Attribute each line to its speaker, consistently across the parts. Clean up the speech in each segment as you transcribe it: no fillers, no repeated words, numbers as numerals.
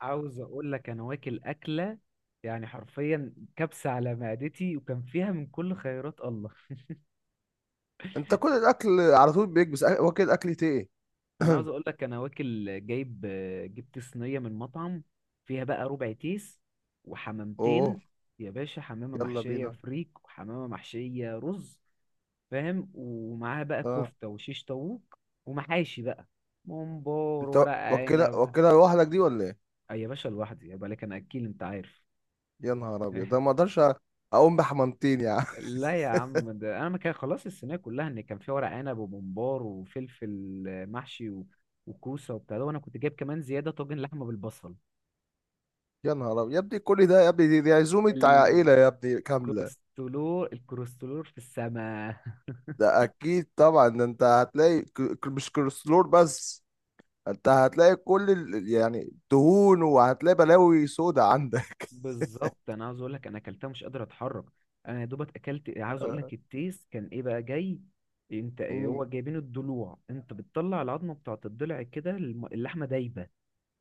Speaker 1: عاوز اقول لك انا واكل اكله، يعني حرفيا كبسه على معدتي، وكان فيها من كل خيرات الله.
Speaker 2: انت كل الاكل على طول بيكبس واكل اكلتي ايه؟
Speaker 1: انا عاوز اقول لك انا واكل جايب. جبت صينيه من مطعم، فيها بقى ربع تيس
Speaker 2: اوه،
Speaker 1: وحمامتين، يا باشا. حمامه
Speaker 2: يلا
Speaker 1: محشيه
Speaker 2: بينا.
Speaker 1: فريك وحمامه محشيه رز، فاهم؟ ومعاها بقى
Speaker 2: اه،
Speaker 1: كفته وشيش طاووق، ومحاشي بقى، ممبار،
Speaker 2: انت
Speaker 1: ورق
Speaker 2: واكلها
Speaker 1: عنب.
Speaker 2: واكلها لوحدك دي ولا ايه؟
Speaker 1: أي يا باشا، لوحدي، يبقى لك انا اكيل، انت عارف.
Speaker 2: يا نهار ابيض، ده ما اقدرش اقوم بحمامتين يعني.
Speaker 1: لا يا عم، ده انا ما كان خلاص الصينيه كلها، ان كان فيها ورق عنب وممبار وفلفل، محشي و... وكوسه وبتاع ده، وانا كنت جايب كمان زياده طاجن لحمه بالبصل.
Speaker 2: يا نهار ابيض يا ابني، كل ده يا ابني؟ دي عزومه عائله يا ابني كامله.
Speaker 1: الكوليسترول في السماء.
Speaker 2: ده اكيد طبعا، ده انت هتلاقي مش كوليسترول بس، انت هتلاقي كل يعني دهون، وهتلاقي بلاوي سودا عندك.
Speaker 1: بالظبط، انا عاوز اقول لك انا اكلتها مش قادر اتحرك. انا يا دوبك اكلت، عاوز اقول لك
Speaker 2: آه،
Speaker 1: التيس كان ايه بقى جاي. انت
Speaker 2: مم.
Speaker 1: هو جايبين الضلوع، انت بتطلع العظمه بتاعت الضلع كده، اللحمه دايبه.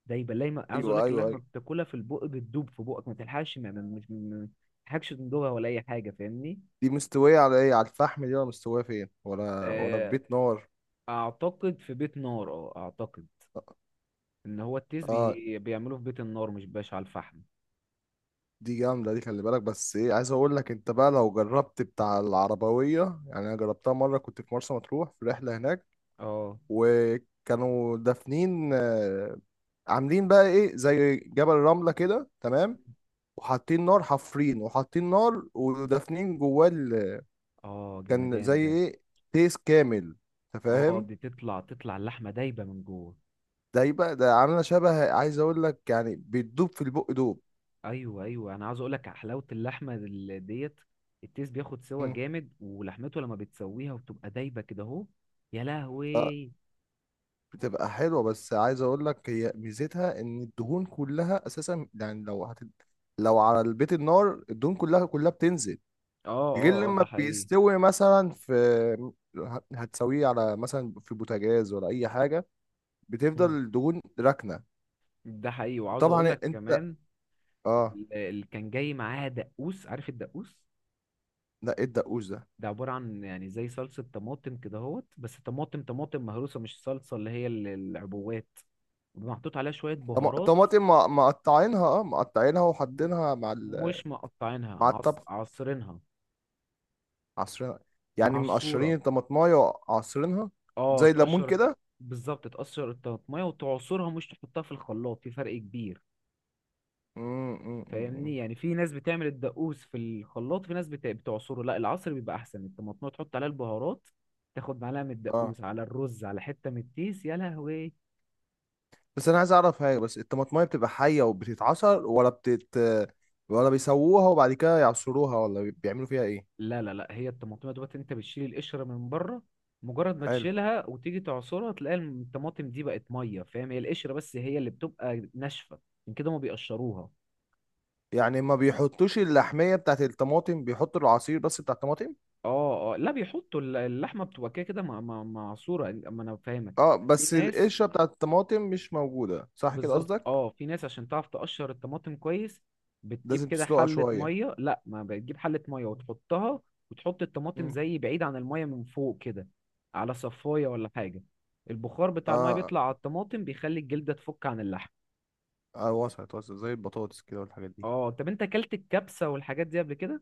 Speaker 1: دايما دايما، عاوز اقول
Speaker 2: ايوه،
Speaker 1: لك
Speaker 2: ايوه،
Speaker 1: اللحمه
Speaker 2: ايوه.
Speaker 1: بتاكلها في البق بتدوب في بقك، ما تلحقش مش ما تلحقش تندوبها ولا اي حاجه، فاهمني؟
Speaker 2: دي مستويه على ايه، على الفحم دي ولا مستويه فين، ولا في
Speaker 1: آه،
Speaker 2: بيت نار؟
Speaker 1: اعتقد في بيت نار، اه اعتقد ان هو التيس
Speaker 2: اه،
Speaker 1: بيعملوه في بيت النار، مش باش على الفحم.
Speaker 2: دي جامدة دي، خلي بالك. بس ايه عايز اقول لك، انت بقى لو جربت بتاع العربوية، يعني انا جربتها مرة كنت في مرسى مطروح في رحلة هناك،
Speaker 1: اه.
Speaker 2: وكانوا دافنين آه، عاملين بقى ايه زي جبل رملة كده، تمام؟ وحاطين نار، حفرين وحاطين نار ودافنين جواه
Speaker 1: اه
Speaker 2: كان
Speaker 1: جمدان
Speaker 2: زي
Speaker 1: ده.
Speaker 2: ايه، تيس كامل، انت
Speaker 1: اه،
Speaker 2: فاهم.
Speaker 1: دي تطلع اللحمه دايبه من جوه.
Speaker 2: ده يبقى ده عاملة شبه عايز اقول لك يعني بتدوب في البق دوب.
Speaker 1: ايوه، ايوه، انا عاوز اقول لك حلاوه اللحمه ديت. التيس بياخد سوا
Speaker 2: مم.
Speaker 1: جامد، ولحمته لما بتسويها وبتبقى دايبه كده اهو. يا لهوي.
Speaker 2: بتبقى حلوة، بس عايز اقول لك هي ميزتها ان الدهون كلها اساسا، يعني لو لو على البيت النار الدهون كلها كلها بتنزل،
Speaker 1: اه،
Speaker 2: غير
Speaker 1: اه، اه، ده
Speaker 2: لما
Speaker 1: حقيقي.
Speaker 2: بيستوي مثلا في هتسويه على مثلا في بوتاجاز ولا اي حاجة، بتفضل الدهون راكنة.
Speaker 1: ده حقيقي، وعاوز اقول
Speaker 2: طبعا
Speaker 1: لك
Speaker 2: انت،
Speaker 1: كمان
Speaker 2: اه.
Speaker 1: اللي كان جاي معاها دقوس، عارف الدقوس؟
Speaker 2: لا، ايه الدقوس ده؟
Speaker 1: ده عبارة عن يعني زي صلصة طماطم كده اهوت، بس طماطم طماطم مهروسة، مش صلصة اللي هي العبوات، محطوط عليها شوية بهارات.
Speaker 2: طماطم مقطعينها، اه مقطعينها
Speaker 1: م-
Speaker 2: وحاطينها مع
Speaker 1: مش
Speaker 2: مع الطبخ،
Speaker 1: عصرينها.
Speaker 2: عصرينها، يعني مقشرين
Speaker 1: معصورة.
Speaker 2: الطماطمايه وعصرينها
Speaker 1: اه،
Speaker 2: زي الليمون
Speaker 1: تقشر.
Speaker 2: كده.
Speaker 1: بالظبط، تقشر الطماطمية وتعصرها، مش تحطها في الخلاط، في فرق كبير.
Speaker 2: مم، مم، مم، مم.
Speaker 1: فاهمني؟ يعني في ناس بتعمل الدقوس في الخلاط، في ناس بتعصره، لا، العصر بيبقى احسن، الطماطم تحط عليها البهارات، تاخد معلقه من
Speaker 2: اه.
Speaker 1: الدقوس على الرز على حته من التيس، يا لهوي.
Speaker 2: بس انا عايز اعرف حاجه، بس الطماطمايه بتبقى حيه وبتتعصر ولا ولا بيسووها وبعد كده يعصروها، ولا بيعملوا فيها ايه؟
Speaker 1: لا، لا، لا، هي الطماطم دوت انت بتشيل القشره من بره، مجرد ما
Speaker 2: حلو.
Speaker 1: تشيلها وتيجي تعصرها تلاقي الطماطم دي بقت ميه، فاهم؟ هي القشره بس هي اللي بتبقى ناشفه، من كده ما بيقشروها.
Speaker 2: يعني ما بيحطوش اللحميه بتاعت الطماطم، بيحطوا العصير بس بتاع الطماطم.
Speaker 1: اه، اه، لا بيحطوا اللحمه بتبقى كده كده معصوره، اما انا فاهمك.
Speaker 2: اه،
Speaker 1: في
Speaker 2: بس
Speaker 1: ناس.
Speaker 2: القشره بتاعت الطماطم مش موجوده، صح كده
Speaker 1: بالظبط،
Speaker 2: قصدك؟
Speaker 1: اه، في ناس عشان تعرف تقشر الطماطم كويس بتجيب
Speaker 2: لازم
Speaker 1: كده
Speaker 2: تسلقها
Speaker 1: حلة
Speaker 2: شويه.
Speaker 1: مية، لا ما بتجيب حلة مية وتحطها، وتحط الطماطم
Speaker 2: مم.
Speaker 1: زي بعيد عن المية من فوق كده، على صفاية ولا حاجة. البخار بتاع المية
Speaker 2: اه،
Speaker 1: بيطلع على الطماطم بيخلي الجلدة تفك عن اللحم.
Speaker 2: اه، وصلت وصلت، زي البطاطس كده والحاجات دي.
Speaker 1: اه طب، انت اكلت الكبسة والحاجات دي قبل كده؟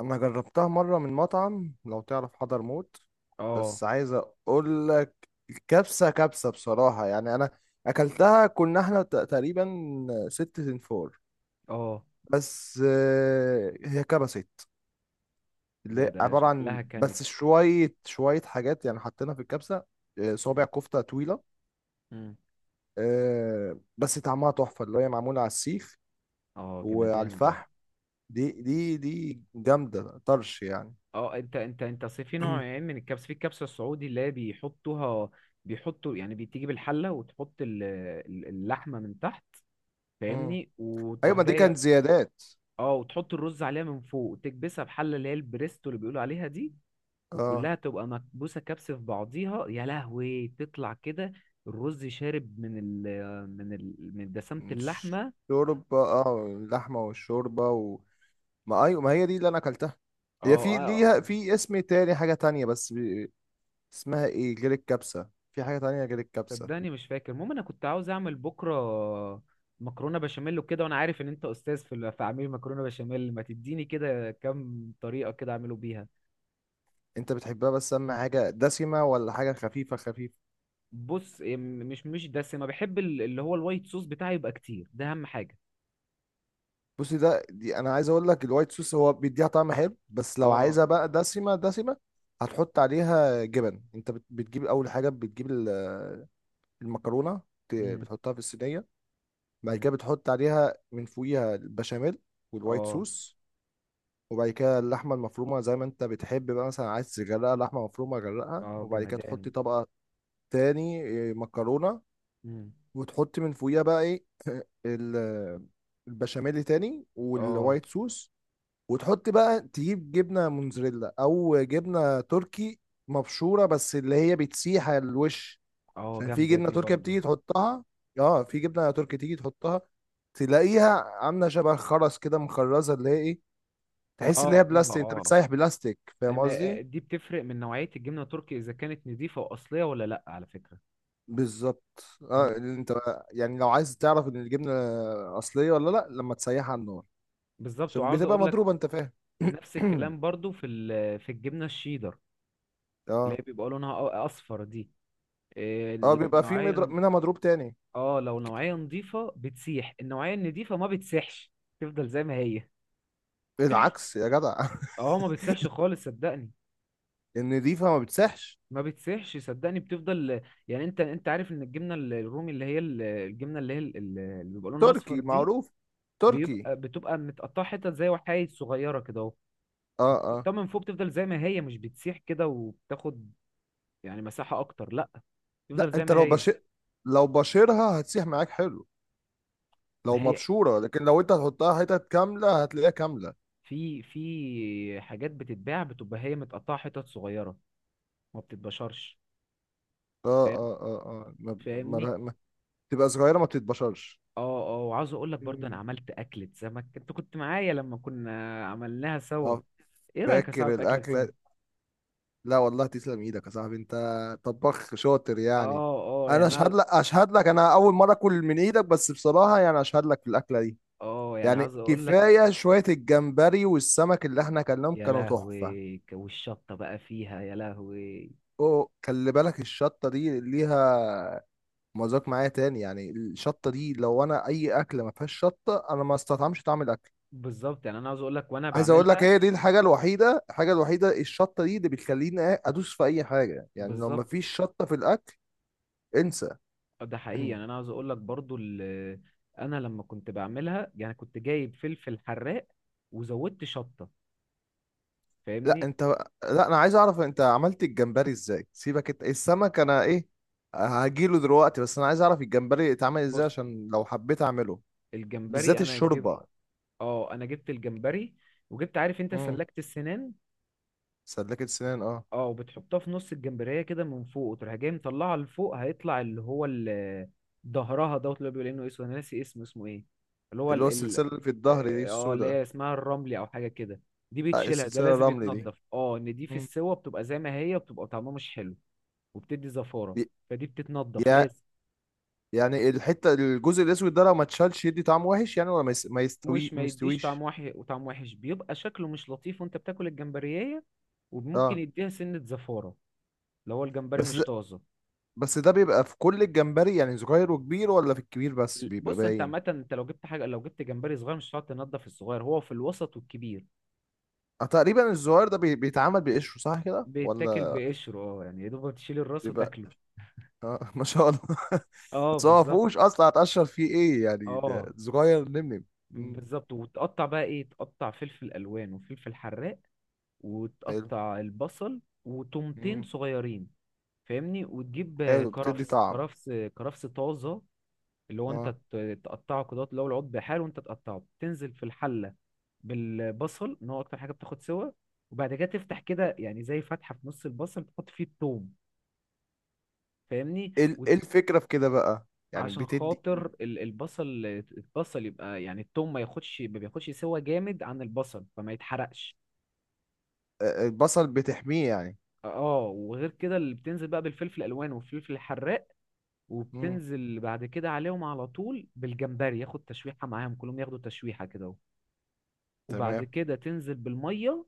Speaker 2: انا جربتها مره من مطعم، لو تعرف حضرموت.
Speaker 1: اه.
Speaker 2: بس عايز اقول لك، كبسه كبسه بصراحه، يعني انا اكلتها، كنا احنا تقريبا 6 تنفور.
Speaker 1: اه،
Speaker 2: بس آه، هي كبست، اللي
Speaker 1: ده
Speaker 2: هي
Speaker 1: ده
Speaker 2: عباره عن
Speaker 1: شكلها كانت.
Speaker 2: بس شويه شويه حاجات، يعني حطينا في الكبسه آه،
Speaker 1: مم.
Speaker 2: صابع كفته طويله
Speaker 1: مم.
Speaker 2: آه، بس طعمها تحفه، اللي هي معموله على السيخ
Speaker 1: اه
Speaker 2: وعلى
Speaker 1: جمدان ده.
Speaker 2: الفحم. دي جامده طرش يعني.
Speaker 1: اه، انت أصل في نوعين من الكبسه، في الكبسه السعودي اللي هي بيحطوها، بيحطوا يعني بتيجي بالحله وتحط اللحمه من تحت،
Speaker 2: مم.
Speaker 1: فاهمني؟
Speaker 2: ايوه،
Speaker 1: وتروح
Speaker 2: ما دي كانت
Speaker 1: جايه.
Speaker 2: زيادات.
Speaker 1: اه، وتحط الرز عليها من فوق وتكبسها بحله اللي هي البريستو اللي بيقولوا عليها دي،
Speaker 2: اه،
Speaker 1: وكلها تبقى مكبوسه كبسه في بعضيها، يا لهوي، تطلع كده الرز شارب من دسامه
Speaker 2: مش
Speaker 1: اللحمه.
Speaker 2: شوربة، اه اللحمة والشوربة ما ايوه، ما هي دي اللي انا اكلتها. هي
Speaker 1: اه،
Speaker 2: في
Speaker 1: اه.
Speaker 2: ليها في اسم تاني، حاجة تانية، بس اسمها ايه غير الكبسة، في حاجة تانية غير الكبسة؟
Speaker 1: صدقني مش فاكر، المهم انا كنت عاوز اعمل بكره مكرونه بشاميل وكده، وانا عارف ان انت استاذ في في عميل مكرونه بشاميل، ما تديني كده كام طريقه كده اعمله بيها.
Speaker 2: انت بتحبها بس اما حاجة دسمة ولا حاجة خفيفة خفيفة؟
Speaker 1: بص إيه، مش دسمه، بحب اللي هو الوايت صوص بتاعي يبقى كتير، ده اهم حاجه.
Speaker 2: بصي، ده دي انا عايز اقول لك الوايت صوص هو بيديها طعم حلو، بس لو
Speaker 1: اه.
Speaker 2: عايزها بقى دسمة دسمة، هتحط عليها جبن. انت بتجيب اول حاجة، بتجيب المكرونة،
Speaker 1: امم
Speaker 2: بتحطها في الصينية، بعد
Speaker 1: امم
Speaker 2: كده بتحط عليها من فوقيها البشاميل والوايت
Speaker 1: اه،
Speaker 2: صوص، وبعد كده اللحمه المفرومه زي ما انت بتحب، بقى مثلا عايز تغرقها لحمه مفرومه غرقها،
Speaker 1: اه
Speaker 2: وبعد كده تحطي
Speaker 1: جمدان.
Speaker 2: طبقه تاني إيه، مكرونه،
Speaker 1: امم
Speaker 2: وتحطي من فوقيها بقى ايه ال- البشاميل تاني
Speaker 1: اه،
Speaker 2: والوايت صوص، وتحط بقى، تجيب جبنه موزاريلا او جبنه تركي مبشوره، بس اللي هي بتسيح على الوش.
Speaker 1: اه
Speaker 2: عشان في
Speaker 1: جامده
Speaker 2: جبنه
Speaker 1: دي
Speaker 2: تركي
Speaker 1: برضو.
Speaker 2: بتيجي تحطها، اه في جبنه تركي تيجي تحطها، تلاقيها عامله شبه الخرز كده، مخرزه، اللي هي ايه، تحس ان
Speaker 1: اه. اه،
Speaker 2: هي بلاستيك، انت
Speaker 1: آه.
Speaker 2: بتسيح بلاستيك، فاهم
Speaker 1: أما
Speaker 2: قصدي؟
Speaker 1: دي بتفرق من نوعيه الجبنه التركي، اذا كانت نظيفه واصليه ولا لا، على فكره.
Speaker 2: بالظبط. اه
Speaker 1: مم.
Speaker 2: اللي انت، يعني لو عايز تعرف ان الجبنه اصليه ولا لا، لما تسيحها على النار،
Speaker 1: بالظبط،
Speaker 2: عشان
Speaker 1: وعاوز
Speaker 2: بتبقى
Speaker 1: اقول
Speaker 2: مضروبه، انت فاهم.
Speaker 1: نفس الكلام برضو في في الجبنه الشيدر اللي
Speaker 2: اه،
Speaker 1: هي بيبقى لونها اصفر دي. إيه،
Speaker 2: اه،
Speaker 1: لو
Speaker 2: بيبقى في مضرب
Speaker 1: نوعيه،
Speaker 2: منها، مضروب تاني.
Speaker 1: اه، لو نوعيه نظيفه بتسيح، النوعيه النضيفه ما بتسيحش، تفضل زي ما هي.
Speaker 2: العكس يا جدع.
Speaker 1: اه، ما بتسيحش خالص، صدقني.
Speaker 2: النضيفه ما بتسحش.
Speaker 1: ما بتسيحش، صدقني، بتفضل. يعني انت، انت عارف ان الجبنه الرومي اللي هي الجبنه اللي هي اللي بيبقى لونها اصفر
Speaker 2: تركي
Speaker 1: دي،
Speaker 2: معروف، تركي.
Speaker 1: بتبقى متقطعه حتت زي وحايد صغيره كده اهو،
Speaker 2: اه، آه.
Speaker 1: بتحطها من فوق بتفضل زي ما هي، مش بتسيح كده وبتاخد يعني مساحه اكتر، لا،
Speaker 2: لا،
Speaker 1: تفضل زي
Speaker 2: انت
Speaker 1: ما
Speaker 2: لو
Speaker 1: هي.
Speaker 2: بشر، لو بشرها هتسيح معاك حلو،
Speaker 1: ما
Speaker 2: لو
Speaker 1: هي
Speaker 2: مبشوره. لكن لو انت هتحطها حتت كامله، هتلاقيها كامله، اه.
Speaker 1: في حاجات بتتباع بتبقى هي متقطعة حتت صغيرة، ما بتتبشرش،
Speaker 2: اه،
Speaker 1: فاهم؟
Speaker 2: اه، اه، اه، ما ب- ما
Speaker 1: فاهمني؟
Speaker 2: لها- ما- تبقى صغيره ما بتتبشرش.
Speaker 1: اه. اه، وعاوز اقول لك برضه انا
Speaker 2: مم.
Speaker 1: عملت اكلة سمك، انت كنت معايا لما كنا عملناها سوا.
Speaker 2: اه.
Speaker 1: ايه رأيك يا صاحبي
Speaker 2: فاكر
Speaker 1: في اكلة سمك؟
Speaker 2: الاكله؟ لا والله، تسلم ايدك يا صاحبي، انت طباخ شاطر يعني.
Speaker 1: اه، اه،
Speaker 2: انا
Speaker 1: يعني انا،
Speaker 2: اشهد لك، اشهد لك، انا اول مره اكل من ايدك، بس بصراحه يعني اشهد لك في الاكله دي.
Speaker 1: اه يعني
Speaker 2: يعني
Speaker 1: عاوز اقول لك.
Speaker 2: كفايه شويه، الجمبري والسمك اللي احنا اكلناهم
Speaker 1: يا
Speaker 2: كانوا تحفه.
Speaker 1: لهوي، والشطة بقى فيها، يا لهوي.
Speaker 2: اوه، خلي بالك، الشطه دي ليها مذاق معايا تاني، يعني الشطه دي، لو انا اي اكله ما فيهاش شطه انا ما استطعمش طعم الاكل.
Speaker 1: بالظبط، يعني انا عاوز اقول لك وانا
Speaker 2: عايز اقول لك،
Speaker 1: بعملها.
Speaker 2: هي دي الحاجه الوحيده، الحاجه الوحيده، الشطه دي اللي بتخليني إيه، ادوس في اي حاجه. يعني لو ما
Speaker 1: بالظبط.
Speaker 2: فيش شطه في الاكل، انسى.
Speaker 1: ده حقيقي، يعني انا عاوز اقول لك برضو انا لما كنت بعملها، يعني كنت جايب فلفل حراق، وزودت شطه،
Speaker 2: لا،
Speaker 1: فاهمني.
Speaker 2: انت، لا انا عايز اعرف انت عملت الجمبري ازاي، سيبك انت السمك، انا ايه هجيله دلوقتي، بس انا عايز اعرف الجمبري اتعمل ازاي
Speaker 1: بص،
Speaker 2: عشان لو حبيت اعمله، بالذات
Speaker 1: الجمبري انا جبت،
Speaker 2: الشوربه.
Speaker 1: اه، انا جبت الجمبري، وجبت عارف انت
Speaker 2: امم.
Speaker 1: سلكت السنان،
Speaker 2: سلكت سنان، اه.
Speaker 1: اه، وبتحطها في نص الجمبريه كده من فوق وتروح جاي مطلعها لفوق هيطلع اللي هو ظهرها دوت، اللي هو بيقول انه اسود، انا ناسي اسمه ايه، اللي هو
Speaker 2: اللي هو السلسله اللي في الظهر دي
Speaker 1: اه، آه، اللي
Speaker 2: السوداء.
Speaker 1: هي اسمها الرملي او حاجه كده. دي
Speaker 2: آه،
Speaker 1: بتشيلها، ده
Speaker 2: السلسله
Speaker 1: لازم
Speaker 2: الرملي دي.
Speaker 1: يتنضف، اه، ان دي في السوا بتبقى زي ما هي، بتبقى طعمها مش حلو وبتدي زفارة،
Speaker 2: ي-
Speaker 1: فدي بتتنضف
Speaker 2: يا،
Speaker 1: لازم.
Speaker 2: يعني الحته، الجزء الاسود ده لو ما اتشالش يدي طعم وحش يعني، ولا ما
Speaker 1: مش،
Speaker 2: يستوي،
Speaker 1: ما
Speaker 2: ما
Speaker 1: يديش طعم
Speaker 2: يستويش؟
Speaker 1: وحش، وطعم وحش بيبقى شكله مش لطيف وانت بتاكل الجمبرية، وممكن
Speaker 2: اه.
Speaker 1: يديها سنة زفارة لو هو الجمبري
Speaker 2: بس
Speaker 1: مش
Speaker 2: ده،
Speaker 1: طازة.
Speaker 2: بس ده بيبقى في كل الجمبري يعني، صغير وكبير، ولا في الكبير بس بيبقى
Speaker 1: بص، انت عامة
Speaker 2: باين؟
Speaker 1: انت لو جبت حاجة، لو جبت جمبري صغير مش هتقعد تنضف، الصغير هو في الوسط والكبير
Speaker 2: آه، تقريبا الصغير ده بيتعمل بقشره، صح كده
Speaker 1: بيتاكل
Speaker 2: ولا؟
Speaker 1: بقشره، اه، يعني يا دوب تشيل الراس
Speaker 2: بيبقى
Speaker 1: وتاكله.
Speaker 2: اه ما شاء الله
Speaker 1: اه،
Speaker 2: بس هو ما
Speaker 1: بالظبط.
Speaker 2: فيهوش اصلا، هتقشر فيه ايه يعني،
Speaker 1: اه،
Speaker 2: ده صغير نمنم. مم.
Speaker 1: بالظبط، وتقطع بقى ايه، تقطع فلفل الوان وفلفل حراق،
Speaker 2: حلو.
Speaker 1: وتقطع البصل وتومتين
Speaker 2: مم.
Speaker 1: صغيرين، فاهمني. وتجيب
Speaker 2: حلو، بتدي
Speaker 1: كرفس
Speaker 2: طعم.
Speaker 1: كرفس طازه، اللي هو انت
Speaker 2: اه.
Speaker 1: تقطعه كده، اللي هو العود بحاله، وانت تقطعه تنزل في الحله بالبصل، ان هو اكتر حاجه بتاخد سوا. وبعد كده تفتح كده يعني زي فتحه في نص البصل تحط فيه التوم، فاهمني؟
Speaker 2: ايه إيه الفكره في كده بقى، يعني
Speaker 1: عشان
Speaker 2: بتدي
Speaker 1: خاطر
Speaker 2: إيه؟
Speaker 1: البصل، البصل يبقى يعني التوم ما بياخدش سوا جامد عن البصل، فما يتحرقش.
Speaker 2: آه، آه، البصل بتحميه يعني.
Speaker 1: اه، وغير كده اللي بتنزل بقى بالفلفل الالوان والفلفل الحراق،
Speaker 2: مم.
Speaker 1: وبتنزل بعد كده عليهم على طول بالجمبري ياخد تشويحة معاهم، كلهم ياخدوا تشويحة كده اهو. وبعد
Speaker 2: تمام.
Speaker 1: كده تنزل بالمية،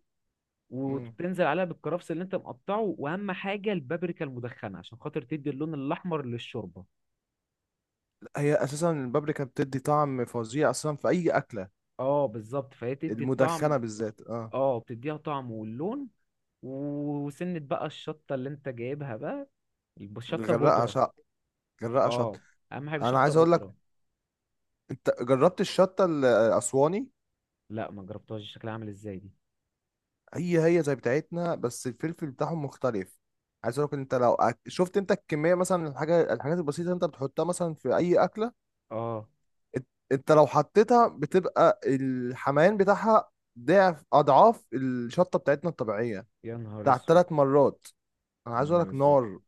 Speaker 2: مم.
Speaker 1: وتنزل عليها بالكرفس اللي انت مقطعه، واهم حاجة البابريكا المدخنة، عشان خاطر تدي اللون الاحمر للشوربة.
Speaker 2: هي اساسا البابريكا بتدي طعم فظيع اصلا في اي اكله،
Speaker 1: اه، بالظبط، فهي تدي الطعم.
Speaker 2: المدخنه بالذات اه.
Speaker 1: اه، بتديها طعم واللون. وسنة بقى الشطة اللي انت جايبها بقى، الشطة
Speaker 2: غرقه
Speaker 1: بودرة.
Speaker 2: شط، غرقه
Speaker 1: اه،
Speaker 2: شط.
Speaker 1: اهم حاجة
Speaker 2: انا
Speaker 1: شطة
Speaker 2: عايز اقول لك،
Speaker 1: بودرة.
Speaker 2: انت جربت الشطه الاسواني؟
Speaker 1: لا، ما جربتهاش، شكلها عامل ازاي دي؟
Speaker 2: هي هي زي بتاعتنا بس الفلفل بتاعهم مختلف. عايز اقول لك، انت لو شفت انت الكميه مثلا، الحاجه، الحاجات البسيطه اللي انت بتحطها مثلا في اي اكله،
Speaker 1: اه.
Speaker 2: انت لو حطيتها، بتبقى الحميان بتاعها ضعف اضعاف الشطه بتاعتنا الطبيعيه،
Speaker 1: يا نهار
Speaker 2: بتاعت
Speaker 1: اسود.
Speaker 2: 3 مرات. انا
Speaker 1: يا
Speaker 2: عايز اقول
Speaker 1: نهار
Speaker 2: لك،
Speaker 1: اسود.
Speaker 2: نار.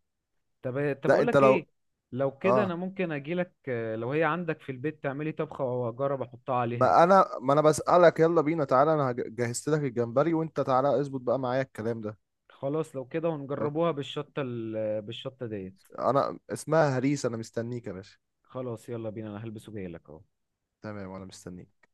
Speaker 1: طب طب
Speaker 2: لا،
Speaker 1: اقول
Speaker 2: انت
Speaker 1: لك
Speaker 2: لو،
Speaker 1: ايه، لو كده انا
Speaker 2: اه،
Speaker 1: ممكن اجي لك، لو هي عندك في البيت تعملي طبخه واجرب احطها عليها.
Speaker 2: ما انا بسألك، يلا بينا تعالى، انا جهزت لك الجمبري، وانت تعالى اظبط بقى معايا الكلام ده.
Speaker 1: خلاص، لو كده ونجربوها بالشطه بالشطه ديت.
Speaker 2: انا اسمها هريس، انا مستنيك يا باشا.
Speaker 1: خلاص يلا بينا، انا هلبس وجاي لك اهو.
Speaker 2: تمام، وانا مستنيك.